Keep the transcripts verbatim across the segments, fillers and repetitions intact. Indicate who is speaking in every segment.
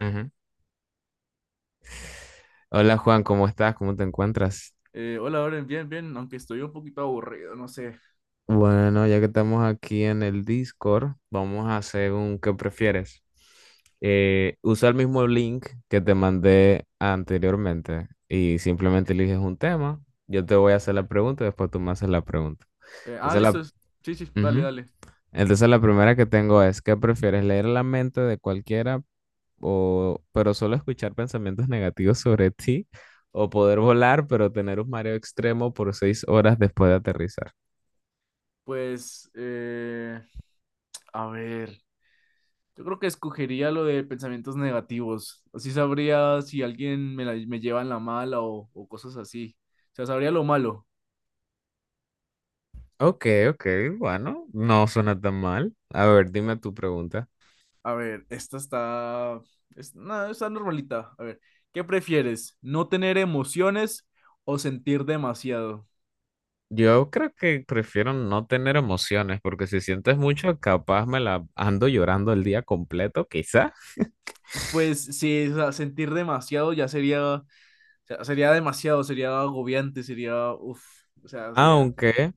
Speaker 1: Ujú. Hola Juan, ¿cómo estás? ¿Cómo te encuentras?
Speaker 2: Eh, hola, Oren, bien, bien, aunque estoy un poquito aburrido, no sé.
Speaker 1: Bueno, ya que estamos aquí en el Discord, vamos a hacer un ¿qué prefieres? Eh, usa el mismo link que te mandé anteriormente y simplemente eliges un tema. Yo te voy a hacer la pregunta y después tú me haces la pregunta.
Speaker 2: Eh, ah,
Speaker 1: Entonces la,
Speaker 2: listo. es- Sí, sí, dale,
Speaker 1: Ujú.
Speaker 2: dale.
Speaker 1: Entonces la primera que tengo es, ¿qué prefieres? ¿Leer la mente de cualquiera, o, pero solo escuchar pensamientos negativos sobre ti, o poder volar, pero tener un mareo extremo por seis horas después de aterrizar?
Speaker 2: Pues, eh, a ver, yo creo que escogería lo de pensamientos negativos. Así sabría si alguien me, la- me lleva en la mala o, o cosas así. O sea, sabría lo malo.
Speaker 1: Ok, ok, bueno, no suena tan mal. A ver, dime tu pregunta.
Speaker 2: A ver, esta está, Es, no, está normalita. A ver, ¿qué prefieres? ¿No tener emociones o sentir demasiado?
Speaker 1: Yo creo que prefiero no tener emociones, porque si sientes mucho, capaz me la ando llorando el día completo, quizá.
Speaker 2: Pues sí, o sea, sentir demasiado ya sería sea, sería demasiado, sería agobiante, sería, uff, o sea, sería,
Speaker 1: Aunque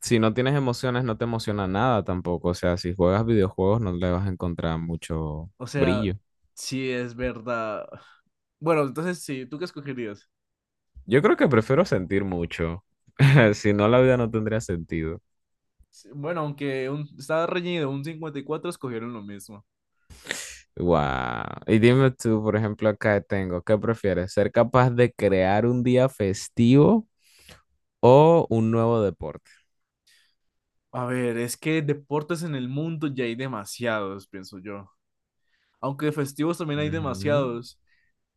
Speaker 1: si no tienes emociones, no te emociona nada tampoco. O sea, si juegas videojuegos, no le vas a encontrar mucho
Speaker 2: o sea,
Speaker 1: brillo.
Speaker 2: sí es verdad. Bueno, entonces sí, ¿tú qué escogerías?
Speaker 1: Yo creo que prefiero sentir mucho. Si no, la vida no tendría sentido.
Speaker 2: Sí, bueno, aunque un, estaba reñido, un cincuenta y cuatro escogieron lo mismo.
Speaker 1: Wow. Y dime tú, por ejemplo, acá tengo, ¿qué prefieres? ¿Ser capaz de crear un día festivo o un nuevo deporte?
Speaker 2: A ver, es que deportes en el mundo ya hay demasiados, pienso yo. Aunque festivos también hay
Speaker 1: Ujú.
Speaker 2: demasiados.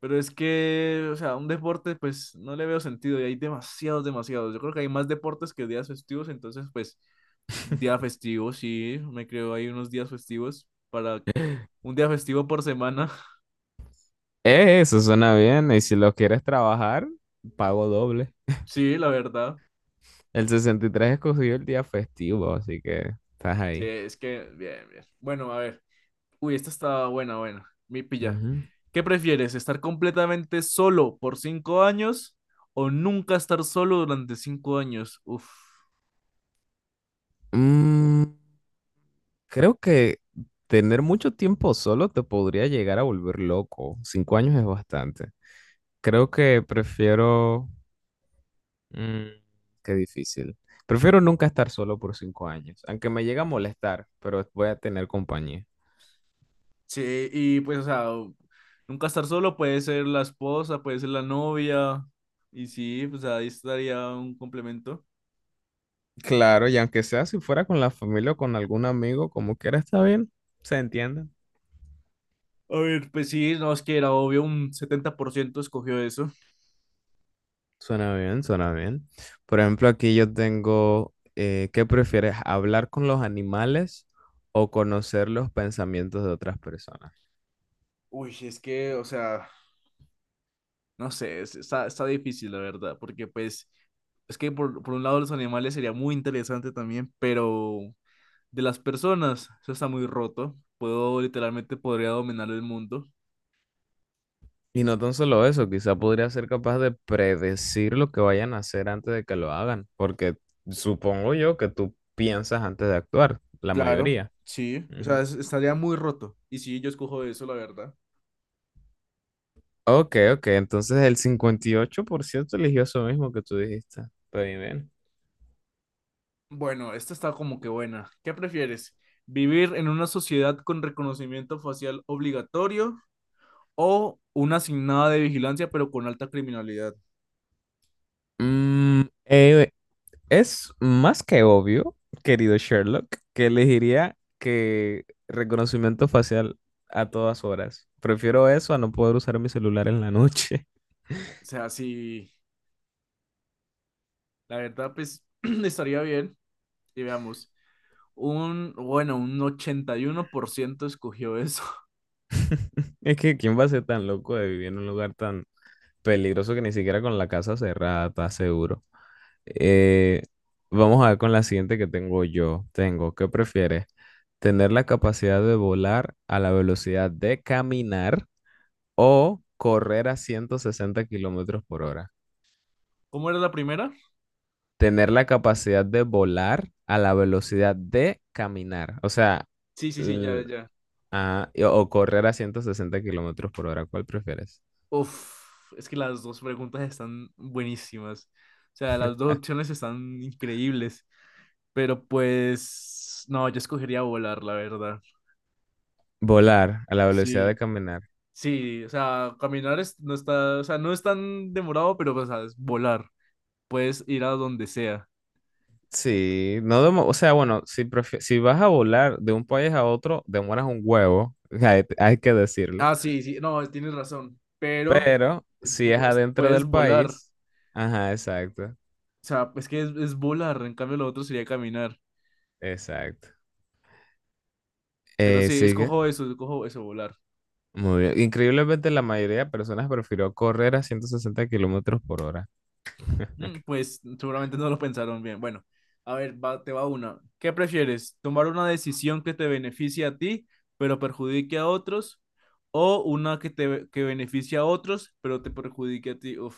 Speaker 2: Pero es que, o sea, un deporte, pues no le veo sentido y hay demasiados, demasiados. Yo creo que hay más deportes que días festivos, entonces, pues un día festivo, sí, me creo ahí unos días festivos para un día festivo por semana.
Speaker 1: Eh, Eso suena bien. Y si lo quieres trabajar, pago doble.
Speaker 2: Sí, la verdad.
Speaker 1: El sesenta y tres escogió el día festivo, así que estás
Speaker 2: Sí,
Speaker 1: ahí.
Speaker 2: es que, bien, bien. Bueno, a ver. Uy, esta está buena, buena. Mi pilla.
Speaker 1: Ujú.
Speaker 2: ¿Qué prefieres? ¿Estar completamente solo por cinco años o nunca estar solo durante cinco años? Uf.
Speaker 1: Mm, Creo que tener mucho tiempo solo te podría llegar a volver loco. Cinco años es bastante. Creo que prefiero, mm, qué difícil. Prefiero nunca estar solo por cinco años, aunque me llega a molestar, pero voy a tener compañía.
Speaker 2: Sí, y pues, o sea, o- nunca estar solo puede ser la esposa, puede ser la novia. Y sí, pues ahí estaría un complemento.
Speaker 1: Claro, y aunque sea si fuera con la familia o con algún amigo, como quiera, está bien. Se entiende.
Speaker 2: A ver, pues sí, no, es que era obvio, un setenta por ciento escogió eso.
Speaker 1: Suena bien, suena bien. Por ejemplo, aquí yo tengo, eh, ¿qué prefieres? ¿Hablar con los animales o conocer los pensamientos de otras personas?
Speaker 2: Uy, es que, o sea, no sé, es- está, está difícil, la verdad, porque pues, es que por, por un lado los animales sería muy interesante también, pero de las personas, eso está muy roto. Puedo, literalmente, podría dominar el mundo.
Speaker 1: Y no tan solo eso, quizá podría ser capaz de predecir lo que vayan a hacer antes de que lo hagan, porque supongo yo que tú piensas antes de actuar, la
Speaker 2: Claro,
Speaker 1: mayoría.
Speaker 2: sí, o sea,
Speaker 1: Ujú.
Speaker 2: es- estaría muy roto. Y sí, yo escojo eso, la verdad.
Speaker 1: Ok, ok, entonces el cincuenta y ocho por ciento eligió eso mismo que tú dijiste. Está bien, bien.
Speaker 2: Bueno, esta está como que buena. ¿Qué prefieres? ¿Vivir en una sociedad con reconocimiento facial obligatorio o una asignada de vigilancia, pero con alta criminalidad?
Speaker 1: Mm, eh, es más que obvio, querido Sherlock, que elegiría que reconocimiento facial a todas horas. Prefiero eso a no poder usar mi celular en la noche.
Speaker 2: O sea, si la verdad, pues estaría bien. Y veamos, un, bueno, un ochenta y uno por ciento escogió eso.
Speaker 1: Es que ¿quién va a ser tan loco de vivir en un lugar tan peligroso que ni siquiera con la casa cerrada está seguro? Eh, Vamos a ver con la siguiente que tengo yo. Tengo, ¿qué prefieres? ¿Tener la capacidad de volar a la velocidad de caminar o correr a ciento sesenta kilómetros por hora?
Speaker 2: ¿Cómo era la primera?
Speaker 1: Tener la capacidad de volar a la velocidad de caminar. O sea,
Speaker 2: Sí, sí, sí, ya,
Speaker 1: l-
Speaker 2: ya.
Speaker 1: ah, y- o correr a ciento sesenta kilómetros por hora. ¿Cuál prefieres?
Speaker 2: Uf, es que las dos preguntas están buenísimas. O sea, las dos opciones están increíbles. Pero pues, no, yo escogería volar, la verdad.
Speaker 1: Volar a la velocidad de
Speaker 2: Sí,
Speaker 1: caminar.
Speaker 2: sí, o sea, caminar es- no está, o sea, no es tan demorado, pero, o sea, es volar. Puedes ir a donde sea.
Speaker 1: Sí, no demo- o sea, bueno, si, prefi- si vas a volar de un país a otro, demoras un huevo. hay, hay que decirlo.
Speaker 2: Ah, sí, sí, no, tienes razón, pero
Speaker 1: Pero
Speaker 2: eh,
Speaker 1: si es
Speaker 2: bu-
Speaker 1: adentro
Speaker 2: puedes
Speaker 1: del
Speaker 2: volar.
Speaker 1: país, ajá, exacto,
Speaker 2: O sea, es que es, es volar, en cambio lo otro sería caminar.
Speaker 1: exacto.
Speaker 2: Pero
Speaker 1: Eh,
Speaker 2: sí,
Speaker 1: sigue.
Speaker 2: escojo eso, escojo eso, volar.
Speaker 1: Muy bien. Increíblemente, la mayoría de personas prefirió correr a ciento sesenta kilómetros por hora.
Speaker 2: Mm, Pues seguramente no lo pensaron bien. Bueno, a ver, va- te va una. ¿Qué prefieres? ¿Tomar una decisión que te beneficie a ti, pero perjudique a otros? ¿O una que te que beneficie a otros, pero te perjudique a ti? Uf.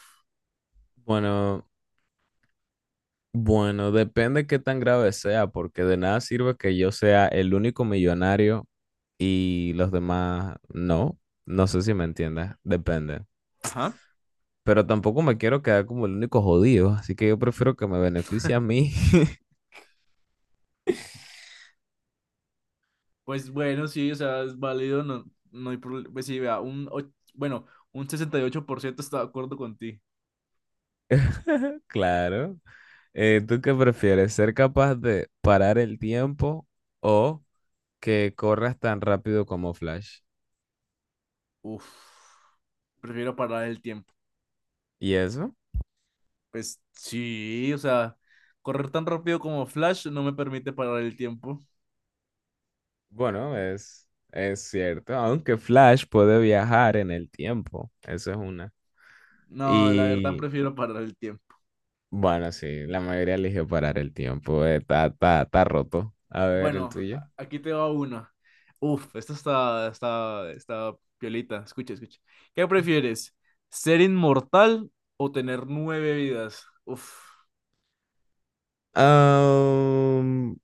Speaker 1: Bueno, bueno, depende qué tan grave sea, porque de nada sirve que yo sea el único millonario y los demás no. No sé si me entiendes. Depende.
Speaker 2: Ajá.
Speaker 1: Pero tampoco me quiero quedar como el único jodido, así que yo prefiero que me beneficie a mí.
Speaker 2: Pues bueno, sí, o sea, es válido, no, no hay problema. Pues sí, vea, un, och- bueno, un sesenta y ocho por ciento está de acuerdo con ti.
Speaker 1: Claro. Eh, ¿tú qué prefieres? ¿Ser capaz de parar el tiempo o que corras tan rápido como Flash?
Speaker 2: Uf, prefiero parar el tiempo.
Speaker 1: ¿Y eso?
Speaker 2: Pues sí, o sea, correr tan rápido como Flash no me permite parar el tiempo.
Speaker 1: Bueno, es, es cierto, aunque Flash puede viajar en el tiempo, eso es una.
Speaker 2: No, la verdad
Speaker 1: Y
Speaker 2: prefiero parar el tiempo.
Speaker 1: bueno, sí, la mayoría eligió parar el tiempo, eh, está, está, está roto. A ver, el
Speaker 2: Bueno,
Speaker 1: tuyo.
Speaker 2: a- aquí te va una. Uf, esta está, está, está piolita. Escucha, escucha. ¿Qué prefieres? ¿Ser inmortal o tener nueve vidas? Uf.
Speaker 1: Am,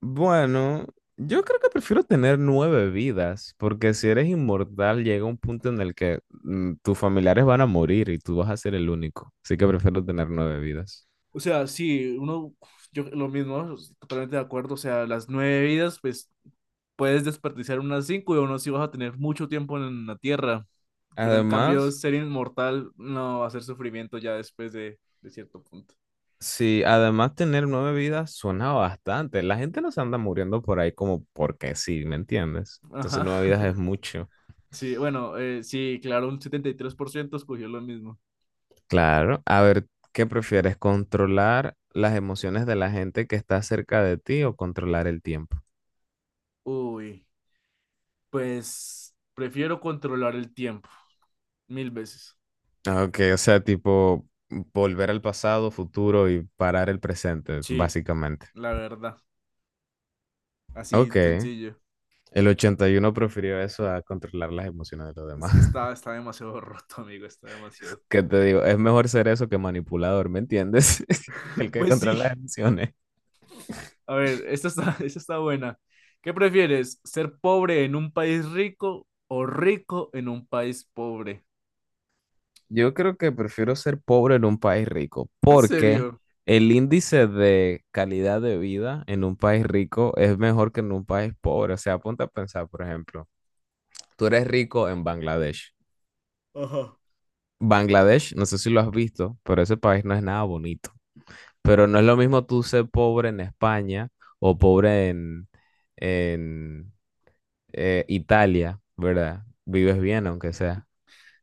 Speaker 1: bueno, yo creo que prefiero tener nueve vidas, porque si eres inmortal llega un punto en el que mm, tus familiares van a morir y tú vas a ser el único. Así que prefiero tener nueve vidas.
Speaker 2: O sea, sí, uno, yo lo mismo, totalmente de acuerdo. O sea, las nueve vidas, pues puedes desperdiciar unas cinco y aún así vas a tener mucho tiempo en la tierra. Pero en cambio,
Speaker 1: Además,
Speaker 2: ser inmortal no va a ser sufrimiento ya después de, de cierto punto.
Speaker 1: sí, además tener nueve vidas suena bastante. La gente no se anda muriendo por ahí como porque sí, ¿me entiendes? Entonces
Speaker 2: Ajá.
Speaker 1: nueve vidas es mucho.
Speaker 2: Sí, bueno, eh, sí, claro, un setenta y tres por ciento escogió lo mismo.
Speaker 1: Claro. A ver, ¿qué prefieres? ¿Controlar las emociones de la gente que está cerca de ti o controlar el tiempo?
Speaker 2: Uy, pues prefiero controlar el tiempo mil veces.
Speaker 1: Ah, ok, o sea, tipo volver al pasado, futuro y parar el presente,
Speaker 2: Sí,
Speaker 1: básicamente.
Speaker 2: la verdad, así
Speaker 1: Ok,
Speaker 2: sencillo.
Speaker 1: el ochenta y uno prefirió eso a controlar las emociones de los
Speaker 2: Es
Speaker 1: demás.
Speaker 2: que está, está demasiado roto, amigo, está demasiado.
Speaker 1: ¿Qué te digo? Es mejor ser eso que manipulador, ¿me entiendes? El que
Speaker 2: Pues sí,
Speaker 1: controla las emociones.
Speaker 2: a ver, esta está, esta está buena. ¿Qué prefieres? ¿Ser pobre en un país rico o rico en un país pobre?
Speaker 1: Yo creo que prefiero ser pobre en un país rico
Speaker 2: ¿En
Speaker 1: porque
Speaker 2: serio?
Speaker 1: el índice de calidad de vida en un país rico es mejor que en un país pobre. O sea, apunta a pensar, por ejemplo, tú eres rico en Bangladesh.
Speaker 2: Ajá.
Speaker 1: Bangladesh, no sé si lo has visto, pero ese país no es nada bonito. Pero no es lo mismo tú ser pobre en España o pobre en, en eh, Italia, ¿verdad? Vives bien, aunque sea.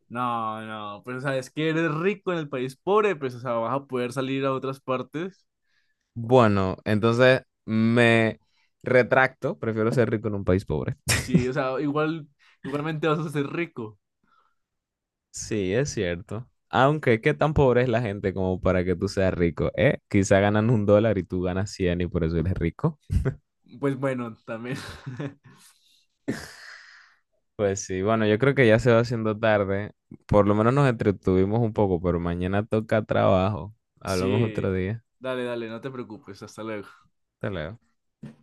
Speaker 2: No, no, pero sabes que eres rico en el país pobre, pues o sea, vas a poder salir a otras partes.
Speaker 1: Bueno, entonces me retracto, prefiero ser rico en un país pobre.
Speaker 2: Sí, o sea, igual, igualmente vas a ser rico.
Speaker 1: Sí, es cierto. Aunque, ¿qué tan pobre es la gente como para que tú seas rico? ¿Eh? Quizá ganan un dólar y tú ganas cien y por eso eres rico.
Speaker 2: Pues bueno, también.
Speaker 1: Pues sí, bueno, yo creo que ya se va haciendo tarde. Por lo menos nos entretuvimos un poco, pero mañana toca trabajo. Hablamos
Speaker 2: Sí.
Speaker 1: otro día.
Speaker 2: Dale, dale, no te preocupes, hasta luego.
Speaker 1: Hasta luego.